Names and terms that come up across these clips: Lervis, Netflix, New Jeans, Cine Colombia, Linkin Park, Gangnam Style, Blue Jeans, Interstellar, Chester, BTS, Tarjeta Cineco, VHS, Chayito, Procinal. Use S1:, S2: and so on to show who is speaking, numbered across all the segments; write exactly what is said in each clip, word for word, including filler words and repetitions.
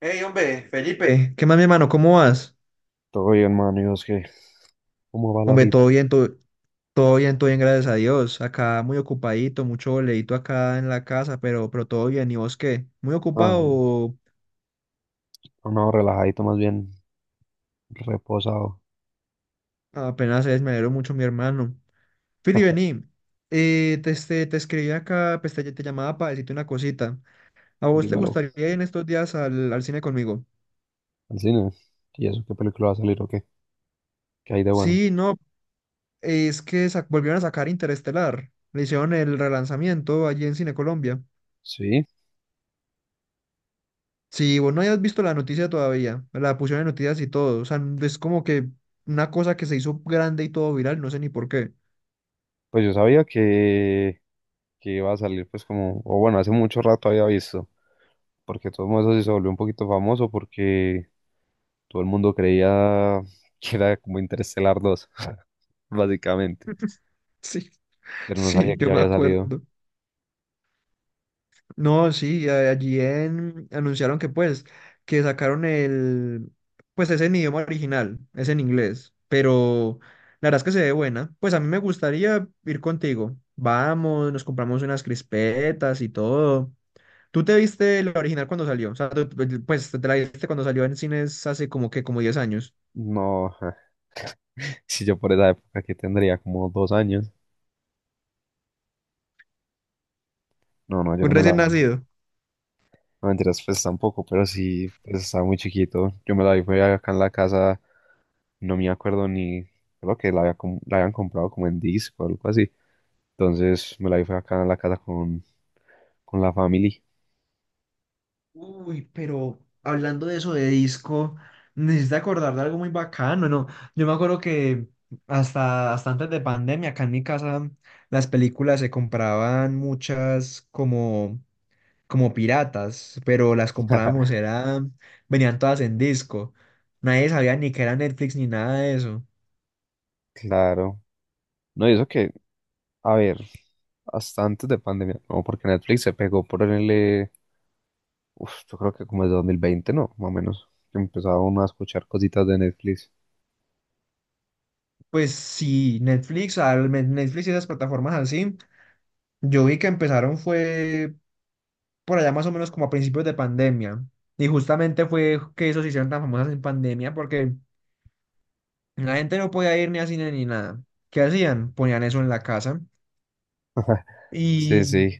S1: Hey, hombre, Felipe, ¿qué más, mi hermano? ¿Cómo vas?
S2: Todo bien, mano. ¿Y es que ¿Cómo va la
S1: Hombre, todo
S2: vida?
S1: bien, todo, todo bien, todo bien, gracias a Dios. Acá muy ocupadito, mucho boleíto acá en la casa, pero, pero todo bien. ¿Y vos qué? ¿Muy
S2: Ah,
S1: ocupado?
S2: no,
S1: O
S2: no, relajadito, más bien reposado.
S1: Apenas es, me alegro mucho, mi hermano. Fili, vení. Eh, te, este, te escribí acá, pues te, te llamaba para decirte una cosita. ¿A vos te
S2: Dímelo.
S1: gustaría ir en estos días al, al cine conmigo?
S2: Al cine. ¿Y eso qué película va a salir o qué? ¿Qué hay de bueno?
S1: Sí, no, es que sa- volvieron a sacar Interestelar. Le hicieron el relanzamiento allí en Cine Colombia.
S2: Sí,
S1: Si vos no hayas visto la noticia todavía, la pusieron en noticias y todo, o sea, es como que una cosa que se hizo grande y todo viral, no sé ni por qué.
S2: pues yo sabía que, que iba a salir, pues como, o bueno, hace mucho rato había visto, porque todo eso sí se volvió un poquito famoso porque todo el mundo creía que era como interstellar dos, básicamente,
S1: Sí,
S2: pero no
S1: sí,
S2: sabía que
S1: yo
S2: ya
S1: me
S2: había salido.
S1: acuerdo. No, sí, a- allí en- anunciaron que pues, que sacaron el, pues es en idioma original, es en inglés, pero la verdad es que se ve buena. Pues a mí me gustaría ir contigo. Vamos, nos compramos unas crispetas y todo. ¿Tú te viste la original cuando salió? O sea, tú- tú- pues te la viste cuando salió en cines hace como que como diez años.
S2: No, si yo por esa época que tendría como dos años, no, no, yo
S1: Un
S2: no me la
S1: recién
S2: vi.
S1: nacido.
S2: No mentiras, pues tampoco, pero sí, pues estaba muy chiquito. Yo me la vi, fue acá en la casa, no me acuerdo ni, creo que la, había com- la habían comprado como en disco o algo así. Entonces me la vi, fue acá en la casa con, con la familia.
S1: Uy, pero hablando de eso de disco, necesito acordar de algo muy bacano, ¿no? Yo me acuerdo que hasta, hasta antes de pandemia, acá en mi casa, las películas se compraban muchas como, como piratas, pero las comprábamos, era, venían todas en disco. Nadie sabía ni que era Netflix ni nada de eso.
S2: Claro. No, y eso que, a ver, hasta antes de pandemia, no, porque Netflix se pegó por el, eh, uf, yo creo que como el dos mil veinte, ¿no? Más o menos, que empezaba uno a escuchar cositas de Netflix.
S1: Pues sí, Netflix, ah, al men- Netflix y esas plataformas así, yo vi que empezaron fue por allá más o menos como a principios de pandemia. Y justamente fue que esos se hicieron tan famosas en pandemia porque la gente no podía ir ni a cine ni nada. ¿Qué hacían? Ponían eso en la casa.
S2: Sí,
S1: Y,
S2: sí.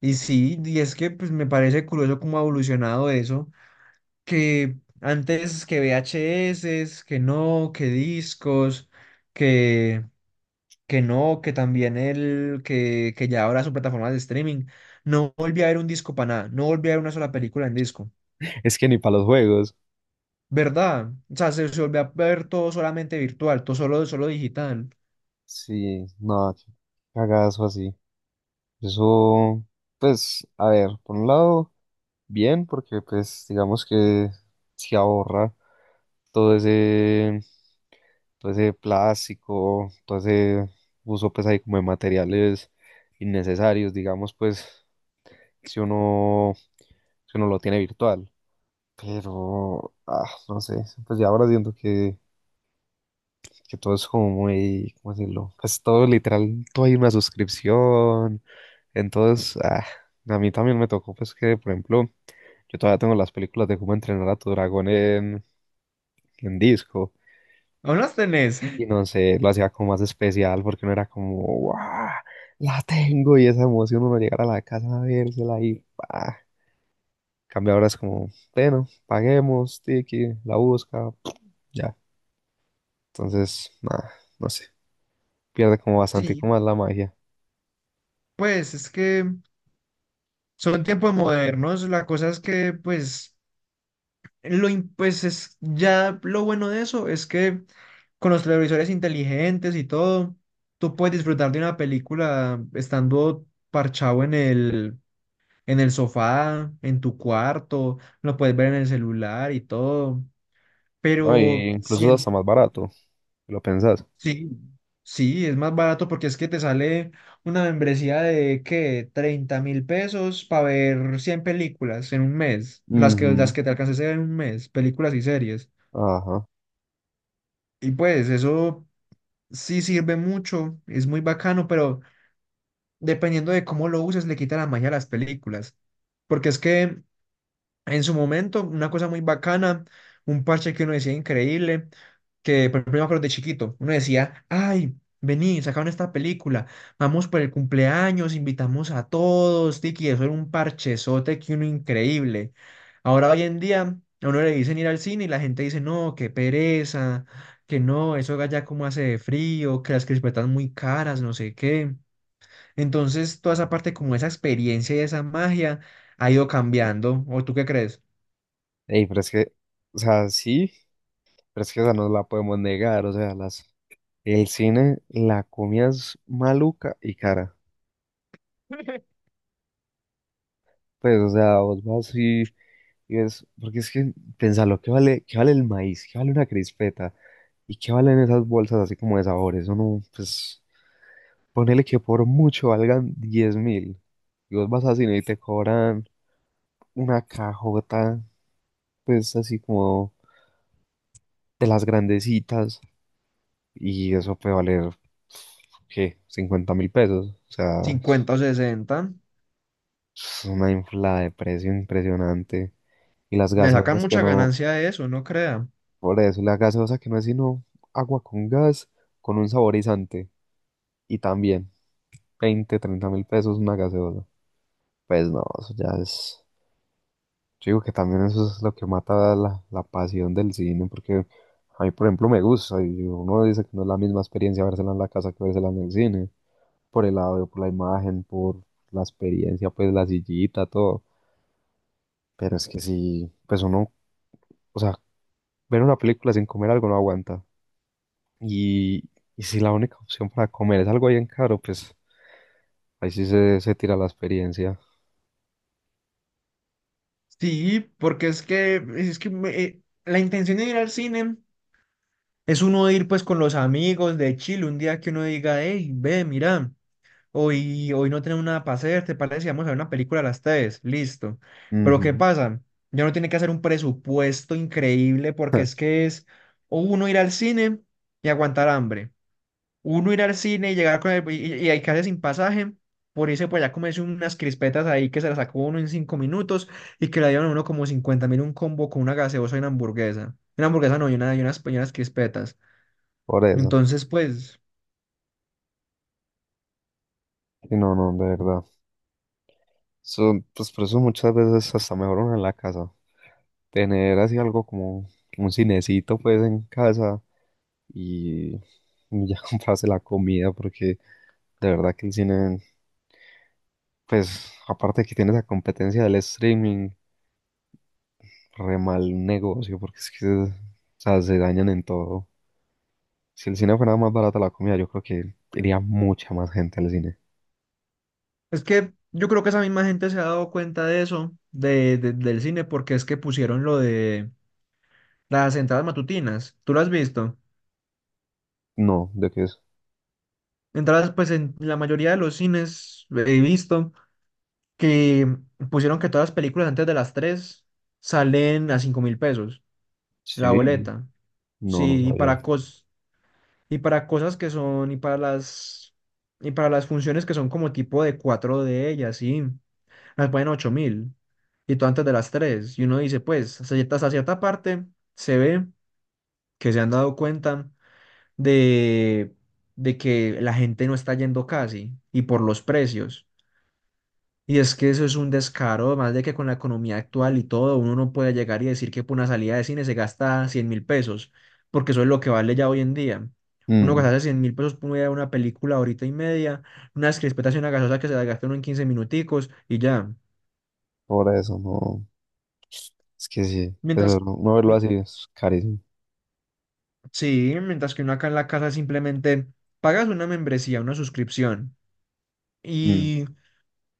S1: y sí, y es que pues me parece curioso cómo ha evolucionado eso, que antes que V H S, que no, que discos, que no, que también el que, que ya ahora su plataforma de streaming. No volví a ver un disco para nada, no volví a ver una sola película en disco,
S2: Es que ni para los juegos.
S1: ¿verdad? O sea, se, se volvió a ver todo solamente virtual, todo solo, solo digital.
S2: Sí, no, qué cagazo así. Eso, pues, a ver, por un lado, bien, porque pues digamos que se ahorra todo ese, todo ese plástico, todo ese uso pues ahí como de materiales innecesarios, digamos, pues, si uno, si uno lo tiene virtual. Pero, ah, no sé, pues ya ahora siento que que todo es como muy, ¿cómo decirlo? Pues todo literal, todo hay una suscripción. Entonces, ah, a mí también me tocó, pues que, por ejemplo, yo todavía tengo las películas de cómo entrenar a tu dragón en, en disco.
S1: ¿Aún las tenés?
S2: Y no sé, lo hacía como más especial porque no era como, ¡guau! La tengo y esa emoción uno llegar a la casa a vérsela y ¡pah! En cambio ahora es como, bueno, paguemos, tiki, la busca, ya. Entonces, nada, no sé, pierde como bastante
S1: Sí,
S2: como más la magia.
S1: pues es que son tiempos modernos, la cosa es que pues, lo, im- pues es, ya lo bueno de eso es que con los televisores inteligentes y todo, tú puedes disfrutar de una película estando parchado en el en el sofá, en tu cuarto, lo puedes ver en el celular y todo.
S2: No,
S1: Pero
S2: y
S1: ¿no?
S2: incluso es
S1: Sí,
S2: hasta más barato, si lo pensás.
S1: sí, sí, es más barato porque es que te sale una membresía de ¿qué? Treinta mil pesos para ver cien películas en un mes, las que, las
S2: Ujú.
S1: que te alcances a ver en un mes, películas y series.
S2: Ajá.
S1: Y pues eso sí sirve mucho, es muy bacano, pero dependiendo de cómo lo uses, le quita la magia a las películas. Porque es que en su momento, una cosa muy bacana, un parche que uno decía increíble, que por ejemplo, yo me acuerdo de chiquito, uno decía, ay, vení, sacaron esta película, vamos por el cumpleaños, invitamos a todos, tiki, eso era un parchezote que uno increíble. Ahora hoy en día, a uno le dicen ir al cine y la gente dice, no, qué pereza, que no, eso allá como hace de frío, que las crispetas muy caras, no sé qué. Entonces, toda esa parte como esa experiencia y esa magia ha ido cambiando, ¿o tú qué crees?
S2: Ey, pero es que, o sea, sí, pero es que esa no la podemos negar, o sea, las, el cine, la comida es maluca y cara. Pues, o sea, vos vas y, y ves, porque es que, pensalo, ¿qué vale, qué vale el maíz? ¿Qué vale una crispeta? ¿Y qué valen esas bolsas así como de sabores? Uno, pues, ponele que por mucho valgan diez mil. Y vos vas al cine y te cobran una cajota, pues, así como de las grandecitas y eso puede valer, ¿qué? Cincuenta mil pesos. O sea,
S1: Cincuenta o sesenta.
S2: es una inflada de precio impresionante. Y las
S1: Le sacan
S2: gaseosas que
S1: mucha
S2: no,
S1: ganancia de eso, no crea.
S2: por eso, y la gaseosa que no es sino agua con gas, con un saborizante. Y también veinte, treinta mil pesos una gaseosa. Pues no, eso ya es... Yo digo que también eso es lo que mata la, la pasión del cine, porque a mí, por ejemplo, me gusta y uno dice que no es la misma experiencia vérsela en la casa que vérsela en el cine, por el audio, por la imagen, por la experiencia, pues la sillita, todo. Pero es que si, pues uno, o sea, ver una película sin comer algo no aguanta. Y, y si la única opción para comer es algo bien caro, pues ahí sí se, se tira la experiencia.
S1: Sí, porque es que, es que me- eh, la intención de ir al cine es uno ir pues con los amigos de Chile, un día que uno diga, hey, ve, mira, hoy, hoy no tenemos nada para hacer, ¿te parece? Vamos a ver una película a las tres, listo. Pero ¿qué
S2: Ujú.
S1: pasa? Ya no tiene que hacer un presupuesto increíble porque es que es o uno ir al cine y aguantar hambre, uno ir al cine y llegar con el, y, y y quedarse sin pasaje, por irse por allá comerse unas crispetas ahí que se las sacó uno en cinco minutos y que le dieron a uno como cincuenta mil un combo con una gaseosa y una hamburguesa. Una hamburguesa no, y, una, y unas, y unas crispetas.
S2: Por eso.
S1: Entonces, pues,
S2: Y no, no, de verdad. So, pues por eso muchas veces hasta mejor uno en la casa. Tener así algo como un cinecito pues en casa y y ya comprarse la comida porque de verdad que el cine, pues aparte que tiene esa competencia del streaming, re mal negocio porque es que o sea, se dañan en todo. Si el cine fuera más barata la comida, yo creo que iría mucha más gente al cine.
S1: es que yo creo que esa misma gente se ha dado cuenta de eso, de, de- del cine, porque es que pusieron lo de las entradas matutinas. ¿Tú lo has visto?
S2: No, ¿de qué es?
S1: Entradas, pues, en la mayoría de los cines eh, he visto. Que pusieron que todas las películas antes de las tres salen a cinco mil pesos la
S2: Sí.
S1: boleta.
S2: No, no
S1: Sí, y
S2: sabía.
S1: para cos y para cosas que son, y para las y para las funciones que son como tipo de cuatro de ellas, sí, las ponen ocho mil. Y todo antes de las tres. Y uno dice, pues, hasta cierta, hasta cierta parte se ve que se han dado cuenta de, de que la gente no está yendo casi y por los precios. Y es que eso es un descaro, además de que con la economía actual y todo, uno no puede llegar y decir que por una salida de cine se gasta cien mil pesos, porque eso es lo que vale ya hoy en día. Uno
S2: Mm,
S1: gastarse cien mil pesos por una una película horita y media, unas crispetas y una gaseosa que se la gasta uno en quince minuticos y ya.
S2: por eso no. Es que sí, eso,
S1: Mientras,
S2: no, no verlo
S1: mi-
S2: así es carísimo.
S1: sí, mientras que uno acá en la casa simplemente pagas una membresía, una suscripción.
S2: Mm.
S1: Y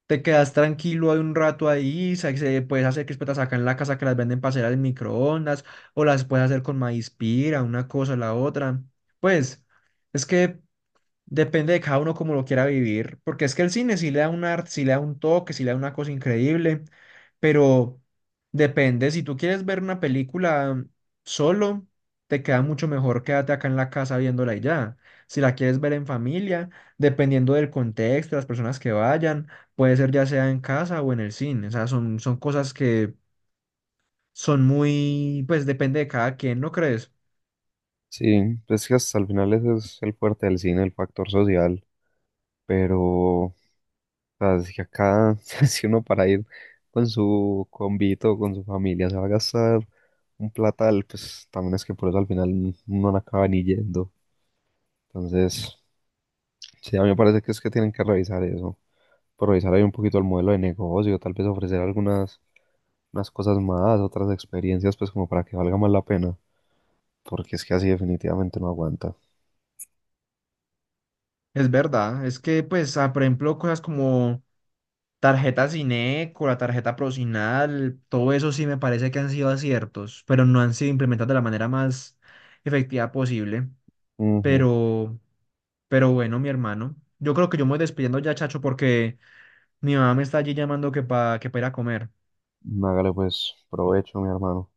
S1: te quedas tranquilo hay un rato ahí, sa- se puedes hacer crispetas acá en la casa que las venden para hacer al microondas, o las puedes hacer con maíz pira, una cosa, la otra. Pues, es que depende de cada uno como lo quiera vivir, porque es que el cine sí le da un arte, sí le da un toque, sí le da una cosa increíble, pero depende, si tú quieres ver una película solo, te queda mucho mejor quédate acá en la casa viéndola y ya. Si la quieres ver en familia, dependiendo del contexto, las personas que vayan, puede ser ya sea en casa o en el cine, o sea, son, son cosas que son muy, pues depende de cada quien, ¿no crees?
S2: Sí, pues que hasta el final ese es el fuerte del cine, el factor social, pero o sea, es que acá si uno para ir con su convito, con su familia, se va a gastar un platal, pues también es que por eso al final n- uno no acaba ni yendo. Entonces, sí, a mí me parece que es que tienen que revisar eso, por revisar ahí un poquito el modelo de negocio, tal vez ofrecer algunas unas cosas más, otras experiencias, pues como para que valga más la pena, porque es que así definitivamente no aguanta.
S1: Es verdad, es que pues, ah, por ejemplo, cosas como Tarjeta Cineco, la tarjeta Procinal, todo eso sí me parece que han sido aciertos, pero no han sido implementados de la manera más efectiva posible.
S2: Ujú.
S1: Pero, pero bueno, mi hermano, yo creo que yo me voy despidiendo ya, chacho, porque mi mamá me está allí llamando que para que pa ir a comer.
S2: Hágale pues provecho, mi hermano,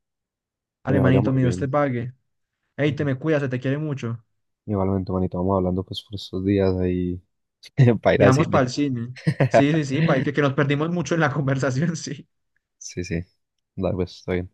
S2: que le vaya
S1: Alemanito,
S2: muy
S1: mío Dios te
S2: bien.
S1: pague. Ey, te
S2: Ujú.
S1: me cuidas, se te quiere mucho.
S2: Igualmente, manito, vamos hablando pues por estos días ahí para ir
S1: Y
S2: al
S1: vamos para
S2: cine.
S1: el cine. Sí, sí, sí, para que, que nos perdimos mucho en la conversación, sí.
S2: Sí, sí, dale pues, está bien.